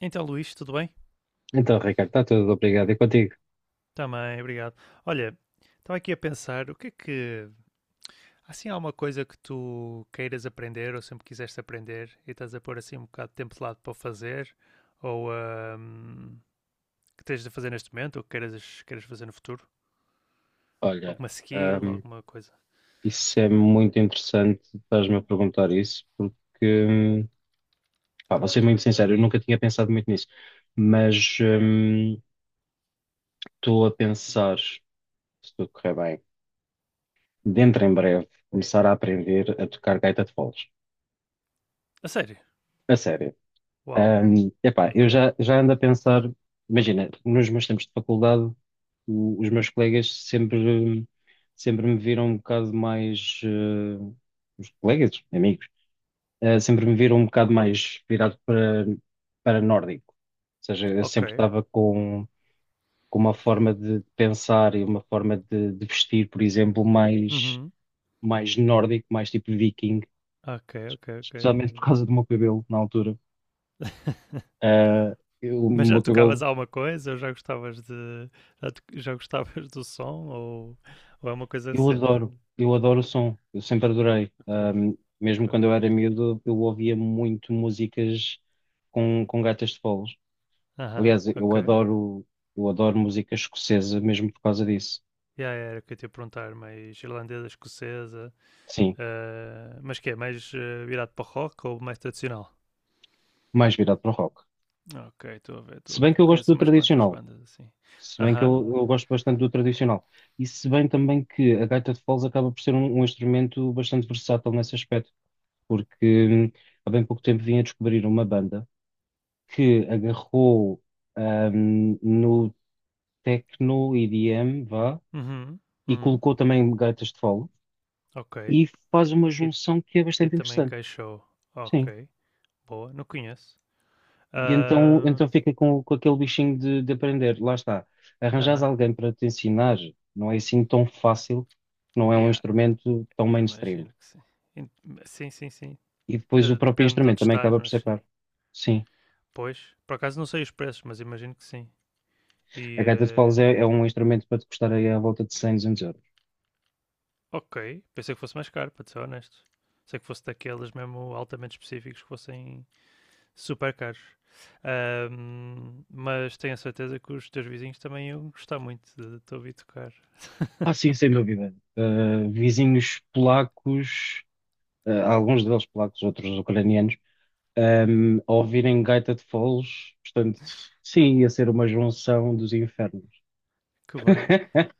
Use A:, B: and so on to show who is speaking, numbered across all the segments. A: Então, Luís, tudo bem?
B: Então, Ricardo, está tudo, obrigado. E contigo?
A: Também, obrigado. Olha, estava aqui a pensar, o que é que... Assim, há uma coisa que tu queiras aprender ou sempre quiseste aprender e estás a pôr assim um bocado de tempo de lado para o fazer ou que tens de fazer neste momento ou que queiras fazer no futuro?
B: Olha,
A: Alguma skill,
B: ahm,
A: alguma coisa?
B: isso é muito interessante, estás-me a perguntar isso, porque, pá, vou ser muito sincero, eu nunca tinha pensado muito nisso, mas estou a pensar, se tudo correr bem, dentro em breve, começar a aprender a tocar gaita de foles.
A: A sério?
B: A sério.
A: Uau,
B: Epá,
A: ok,
B: eu já ando a pensar, imagina, nos meus tempos de faculdade, os meus colegas sempre me viram um bocado mais, os colegas, amigos, sempre me viram um bocado mais virado para, nórdico. Ou seja, eu
A: ok.
B: sempre estava com uma forma de pensar e uma forma de, vestir, por exemplo, mais,
A: Uhum,
B: mais nórdico, mais tipo viking,
A: ok, ok, ok.
B: especialmente por causa do meu cabelo na altura. Ah, o
A: Mas já
B: meu
A: tocavas
B: cabelo.
A: alguma coisa ou já gostavas de... já, já gostavas do som ou é uma coisa recente?
B: Eu adoro o som, eu sempre adorei.
A: Ok,
B: Mesmo
A: ok.
B: quando eu era miúdo, eu ouvia muito músicas com gaitas de foles.
A: Aham,
B: Aliás,
A: ok.
B: eu adoro música escocesa mesmo por causa disso.
A: Yeah, era o que eu te ia perguntar, mais irlandesa, escocesa,
B: Sim,
A: mas que é, mais virado para o rock ou mais tradicional?
B: mais virado para o rock.
A: Ok, estou a ver, estou
B: Se
A: a
B: bem que
A: ver.
B: eu gosto
A: Conheço
B: do
A: umas quantas
B: tradicional,
A: bandas assim.
B: se bem que eu,
A: Aham,
B: eu gosto bastante do tradicional, e se bem também que a gaita de foles acaba por ser um, instrumento bastante versátil nesse aspecto, porque há bem pouco tempo vim a descobrir uma banda que agarrou no techno EDM, vá,
A: uhum,
B: e
A: uhum,
B: colocou também gaitas de fole
A: ok.
B: e faz uma
A: E,
B: junção que é
A: e
B: bastante
A: também
B: interessante.
A: encaixou.
B: Sim.
A: Ok, boa, não conheço.
B: E então,
A: Ah,
B: então fica com aquele bichinho de aprender. Lá está. Arranjares
A: aham,
B: alguém para te ensinar não é assim tão fácil, não é um
A: yeah,
B: instrumento tão mainstream.
A: imagino que sim. In- Sim, sim, sim.
B: E depois
A: Eh,
B: o próprio
A: depende de
B: instrumento
A: onde
B: também
A: estás,
B: acaba por
A: mas
B: ser caro.
A: sim.
B: Sim.
A: Pois, por acaso não sei os preços, mas imagino que sim.
B: A
A: E
B: gaita de foles é
A: ah,
B: um instrumento para te custar aí à volta de 100 200 euros.
A: ok, pensei que fosse mais caro, para te ser honesto. Sei que fosse daqueles mesmo altamente específicos que fossem super caros. Mas tenho a certeza que os teus vizinhos também iam gostar muito de te ouvir tocar.
B: Ah, sim, sem dúvida. Vizinhos polacos, alguns deles polacos, outros ucranianos, um, a ouvirem gaita de foles, portanto, sim, ia ser uma junção dos infernos.
A: Que bem.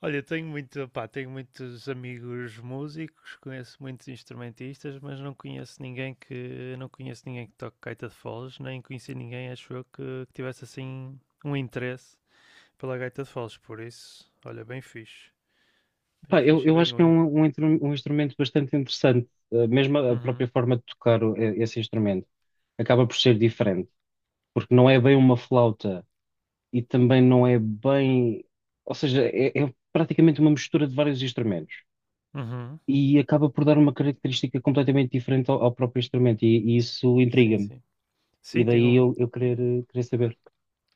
A: Olha, tenho muito, pá, tenho muitos amigos músicos, conheço muitos instrumentistas, mas não conheço ninguém que toque gaita de foles, nem conheci ninguém, acho eu, que tivesse assim um interesse pela gaita de foles, por isso, olha, bem
B: Pá, eu,
A: fixe e
B: eu
A: bem
B: acho que é
A: único.
B: um, um instrumento bastante interessante. Mesmo a própria
A: Uhum,
B: forma de tocar esse instrumento acaba por ser diferente, porque não é bem uma flauta e também não é bem, ou seja, é praticamente uma mistura de vários instrumentos.
A: uhum.
B: E acaba por dar uma característica completamente diferente ao próprio instrumento, e isso
A: Sim,
B: intriga-me.
A: sim.
B: E
A: Sim, tem
B: daí
A: um,
B: eu querer saber.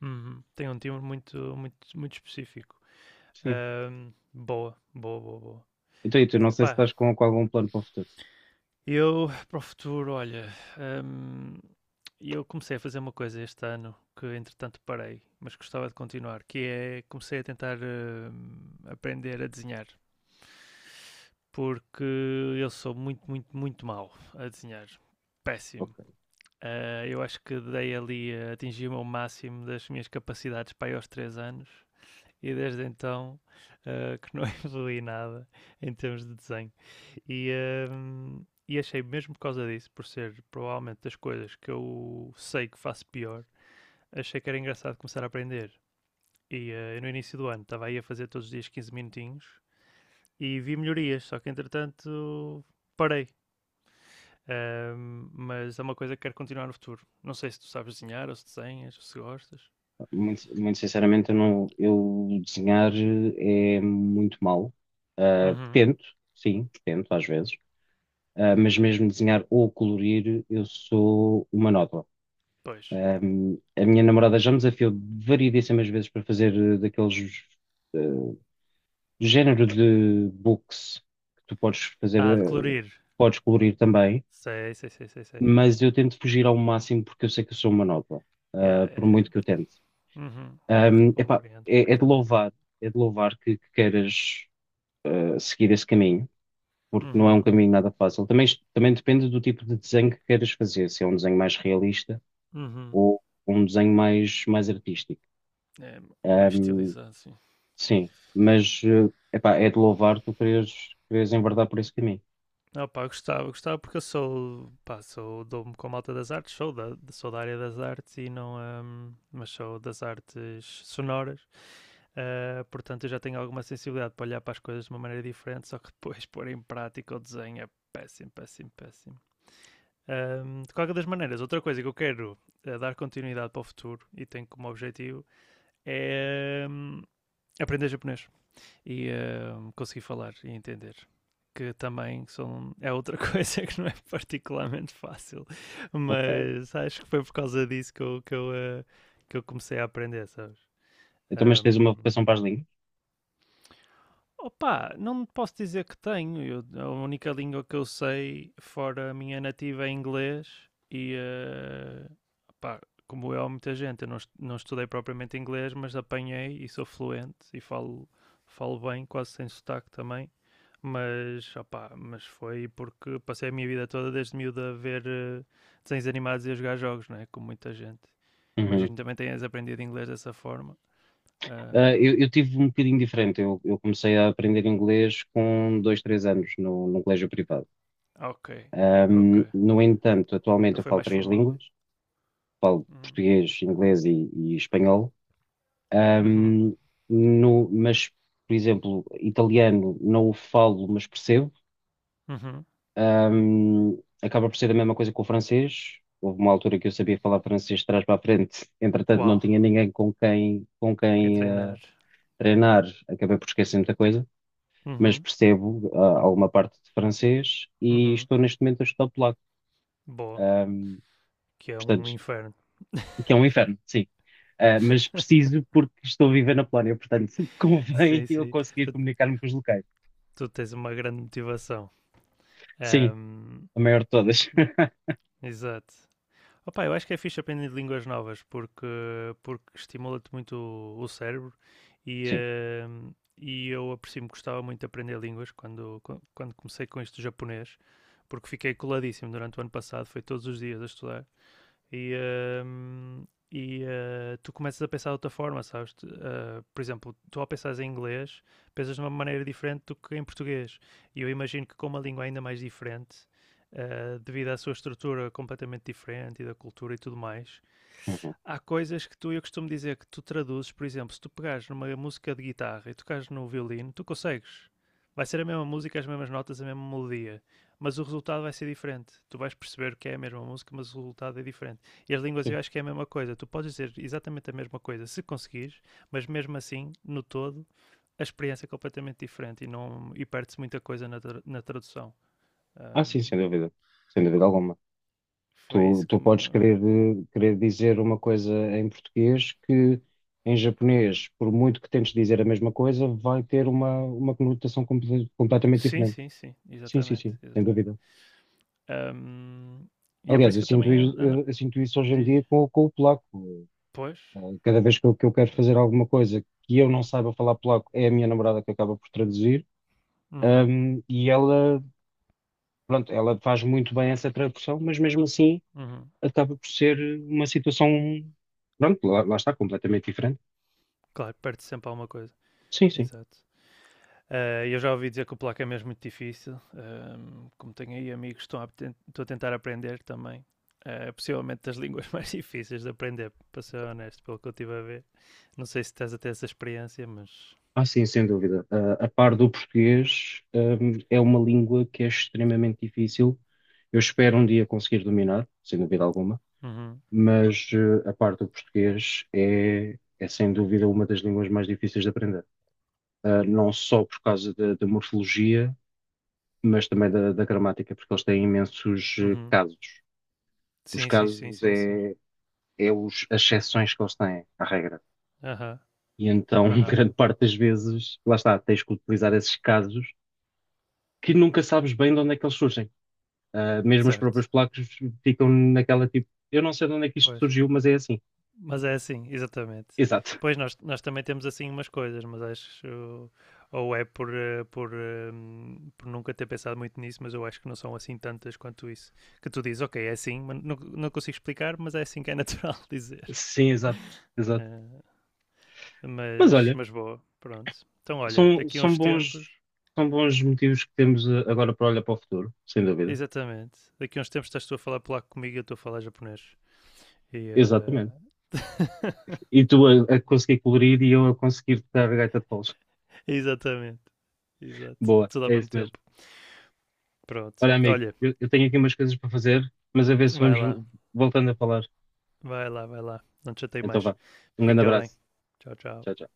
A: uhum, tem um timbre muito, muito, muito específico.
B: Sim.
A: Boa, boa, boa, boa.
B: Então, e tu, não sei se
A: Opá,
B: estás com, algum plano para o futuro.
A: eu para o futuro, olha, ahm, eu comecei a fazer uma coisa este ano que entretanto parei, mas gostava de continuar, que é comecei a tentar aprender a desenhar. Porque eu sou muito, muito, muito mau a desenhar. Péssimo.
B: Ok.
A: Ah, eu acho que dei ali, a atingi me ao máximo das minhas capacidades para aí aos 3 anos e desde então ah, que não evolui nada em termos de desenho. E, ah, e achei, mesmo por causa disso, por ser provavelmente das coisas que eu sei que faço pior, achei que era engraçado começar a aprender. E ah, no início do ano estava aí a fazer todos os dias 15 minutinhos e vi melhorias, só que entretanto parei. Mas é uma coisa que quero continuar no futuro. Não sei se tu sabes desenhar, ou se desenhas, ou se gostas.
B: Muito, muito sinceramente, eu, não, eu desenhar é muito mal. Ah,
A: Uhum,
B: tento, sim, tento às vezes. Ah, mas mesmo desenhar ou colorir, eu sou uma nódoa.
A: pois.
B: Ah, a minha namorada já me desafiou variedíssimas vezes para fazer daqueles eh, género de books que tu podes fazer,
A: Ah, de colorir.
B: podes colorir também,
A: Sei, sei, sei, sei, sei.
B: mas eu tento fugir ao máximo porque eu sei que eu sou monótono, ah,
A: Yeah,
B: por
A: yeah, yeah.
B: muito que eu tente.
A: Uhum,
B: Epá,
A: compreendo
B: é de
A: perfeitamente.
B: louvar, é de louvar que, queiras ah, seguir esse caminho, porque não é um
A: Uhum,
B: caminho nada fácil. Também, também depende do tipo de desenho que queiras fazer, se é um desenho mais realista
A: uhum.
B: ou um desenho mais artístico.
A: É mais
B: Ahm,
A: estilizado, sim.
B: sim, mas epá, é de louvar tu queres, queres enverdar por esse caminho.
A: Não, pá, eu gostava porque eu sou, pá, sou, dou-me com a malta das artes, sou da área das artes e não, mas sou das artes sonoras. Portanto, eu já tenho alguma sensibilidade para olhar para as coisas de uma maneira diferente, só que depois pôr em prática o desenho é péssimo, péssimo, péssimo. Um, de qualquer das maneiras, outra coisa que eu quero dar continuidade para o futuro e tenho como objetivo é um, aprender japonês e um, conseguir falar e entender. Que também são, é outra coisa que não é particularmente fácil,
B: Ok.
A: mas acho que foi por causa disso que eu comecei a aprender, sabes?
B: Então, mas tens uma vocação
A: Um,
B: para as línguas?
A: Opa, não posso dizer que tenho. A única língua que eu sei, fora a minha nativa, é inglês. E, opá, como eu, há muita gente, eu não, não estudei propriamente inglês, mas apanhei e sou fluente e falo, falo bem, quase sem sotaque também. Mas, opá, mas foi porque passei a minha vida toda desde miúdo a ver desenhos animados e a jogar jogos, né? Como muita gente.
B: Uhum.
A: Imagino que também tenhas aprendido inglês dessa forma.
B: Ah, eu tive um bocadinho diferente. Eu comecei a aprender inglês com dois, três anos no colégio privado.
A: Ah, ok, ok.
B: No entanto, atualmente
A: Então
B: eu
A: foi
B: falo
A: mais
B: três
A: formal.
B: línguas. Falo
A: Uhum.
B: português, inglês e espanhol.
A: Uhum.
B: Ahm, mas, por exemplo, italiano não o falo, mas percebo.
A: Uhum.
B: Acaba por ser a mesma coisa com o francês. Houve uma altura que eu sabia falar francês de trás para a frente. Entretanto, não
A: Uau,
B: tinha ninguém com quem, com
A: quem
B: quem ah,
A: treinar.
B: treinar, acabei por esquecer muita coisa, mas
A: Uhum.
B: percebo ah, alguma parte de francês e
A: Uhum.
B: estou neste momento a estudar polaco.
A: Boa,
B: Ahm,
A: que é um
B: portanto,
A: inferno.
B: o que é um inferno, sim. Ah, mas preciso porque estou a viver na Polónia, portanto, convém
A: Sim,
B: eu
A: sim.
B: conseguir
A: Tu,
B: comunicar-me com os locais.
A: tu tens uma grande motivação.
B: Sim,
A: Ahm,
B: a maior de todas.
A: exato. Opa, eu acho que é fixe aprender línguas novas porque, porque estimula-te muito o cérebro e,
B: Sim.
A: e eu aprecio-me, gostava muito de aprender línguas quando, quando comecei com isto do japonês porque fiquei coladíssimo durante o ano passado, foi todos os dias a estudar. E, hum, e tu começas a pensar de outra forma, sabes? Tu, eh, por exemplo, tu ao pensares em inglês, pensas de uma maneira diferente do que em português. E eu imagino que com uma língua ainda mais diferente, devido à sua estrutura completamente diferente e da cultura e tudo mais,
B: Uhum.
A: há coisas que tu, eu costumo dizer que tu traduzes, por exemplo, se tu pegares numa música de guitarra e tocares no violino, tu consegues. Vai ser a mesma música, as mesmas notas, a mesma melodia, mas o resultado vai ser diferente. Tu vais perceber que é a mesma música, mas o resultado é diferente. E as línguas
B: Sim.
A: eu acho que é a mesma coisa. Tu podes dizer exatamente a mesma coisa se conseguires, mas mesmo assim, no todo, a experiência é completamente diferente e, e perde-se muita coisa na, na tradução.
B: Ah, sim,
A: Ahm,
B: sem dúvida. Sem dúvida alguma.
A: foi
B: Tu,
A: isso que
B: tu
A: me.
B: podes querer dizer uma coisa em português que em japonês, por muito que tentes dizer a mesma coisa, vai ter uma, conotação completamente
A: Sim,
B: diferente.
A: sim, sim,
B: Sim, sim,
A: exatamente,
B: sim, sem dúvida.
A: exatamente. Ahm, e é por
B: Aliás,
A: isso
B: eu
A: que eu
B: sinto,
A: também
B: is-
A: ando
B: eu, eu sinto isso hoje em
A: diz,
B: dia com o polaco.
A: pois.
B: Cada vez que eu quero fazer alguma coisa que eu não saiba falar polaco, é a minha namorada que acaba por traduzir.
A: Uhum,
B: E ela, pronto, ela faz muito bem essa tradução, mas mesmo assim
A: uhum.
B: acaba por ser uma situação. Pronto, lá está, completamente diferente.
A: Claro, perde sempre alguma coisa.
B: Sim, sim.
A: Exato. Ah, eu já ouvi dizer que o polaco é mesmo muito difícil. Como tenho aí amigos que estão a, estou a tentar aprender também. Ah, é possivelmente das línguas mais difíceis de aprender, para ser honesto, pelo que eu estive a ver. Não sei se tens até essa experiência, mas.
B: Ah, sim, sem dúvida. Ah, a par do português, é uma língua que é extremamente difícil. Eu espero um dia conseguir dominar, sem dúvida alguma,
A: Uhum,
B: mas a par do português é sem dúvida uma das línguas mais difíceis de aprender. Ah, não só por causa da morfologia, mas também da gramática, porque eles têm imensos
A: uhum.
B: casos. Os
A: Sim, sim, sim,
B: casos
A: sim, sim.
B: é os, as exceções que eles têm à regra.
A: Aham,
B: E então,
A: aham.
B: grande parte das vezes, lá está, tens que utilizar esses casos que nunca sabes bem de onde é que eles surgem. Ah, mesmo os
A: Certo.
B: próprios placos ficam naquela tipo, eu não sei de onde é que isto
A: Pois.
B: surgiu, mas é assim.
A: Mas é assim, exatamente.
B: Exato.
A: Pois nós também temos assim umas coisas, mas acho. Ou é por, por nunca ter pensado muito nisso, mas eu acho que não são assim tantas quanto isso. Que tu dizes, ok, é assim, mas não, não consigo explicar, mas é assim que é natural dizer.
B: Sim, exato, exato.
A: Eh,
B: Mas olha,
A: mas boa, pronto. Então olha,
B: são,
A: daqui a
B: são
A: uns tempos,
B: bons, são bons motivos que temos ah, agora para olhar para o futuro, sem dúvida.
A: exatamente, daqui a uns tempos estás tu a falar polaco comigo e eu estou a falar japonês. E. eh,
B: Exatamente. E tu a conseguir colorir e eu a conseguir tocar a gaita de foles.
A: exatamente, exato.
B: Boa,
A: Tudo ao
B: é
A: mesmo
B: isso mesmo.
A: tempo. Pronto.
B: Olha, amigo,
A: Olha,
B: eu tenho aqui umas coisas para fazer, mas a ver se
A: vai
B: vamos
A: lá,
B: voltando a falar.
A: vai lá. Não te chatei
B: Então
A: mais.
B: vá. Um grande
A: Fica bem.
B: abraço.
A: Tchau, tchau.
B: Tchau, tchau.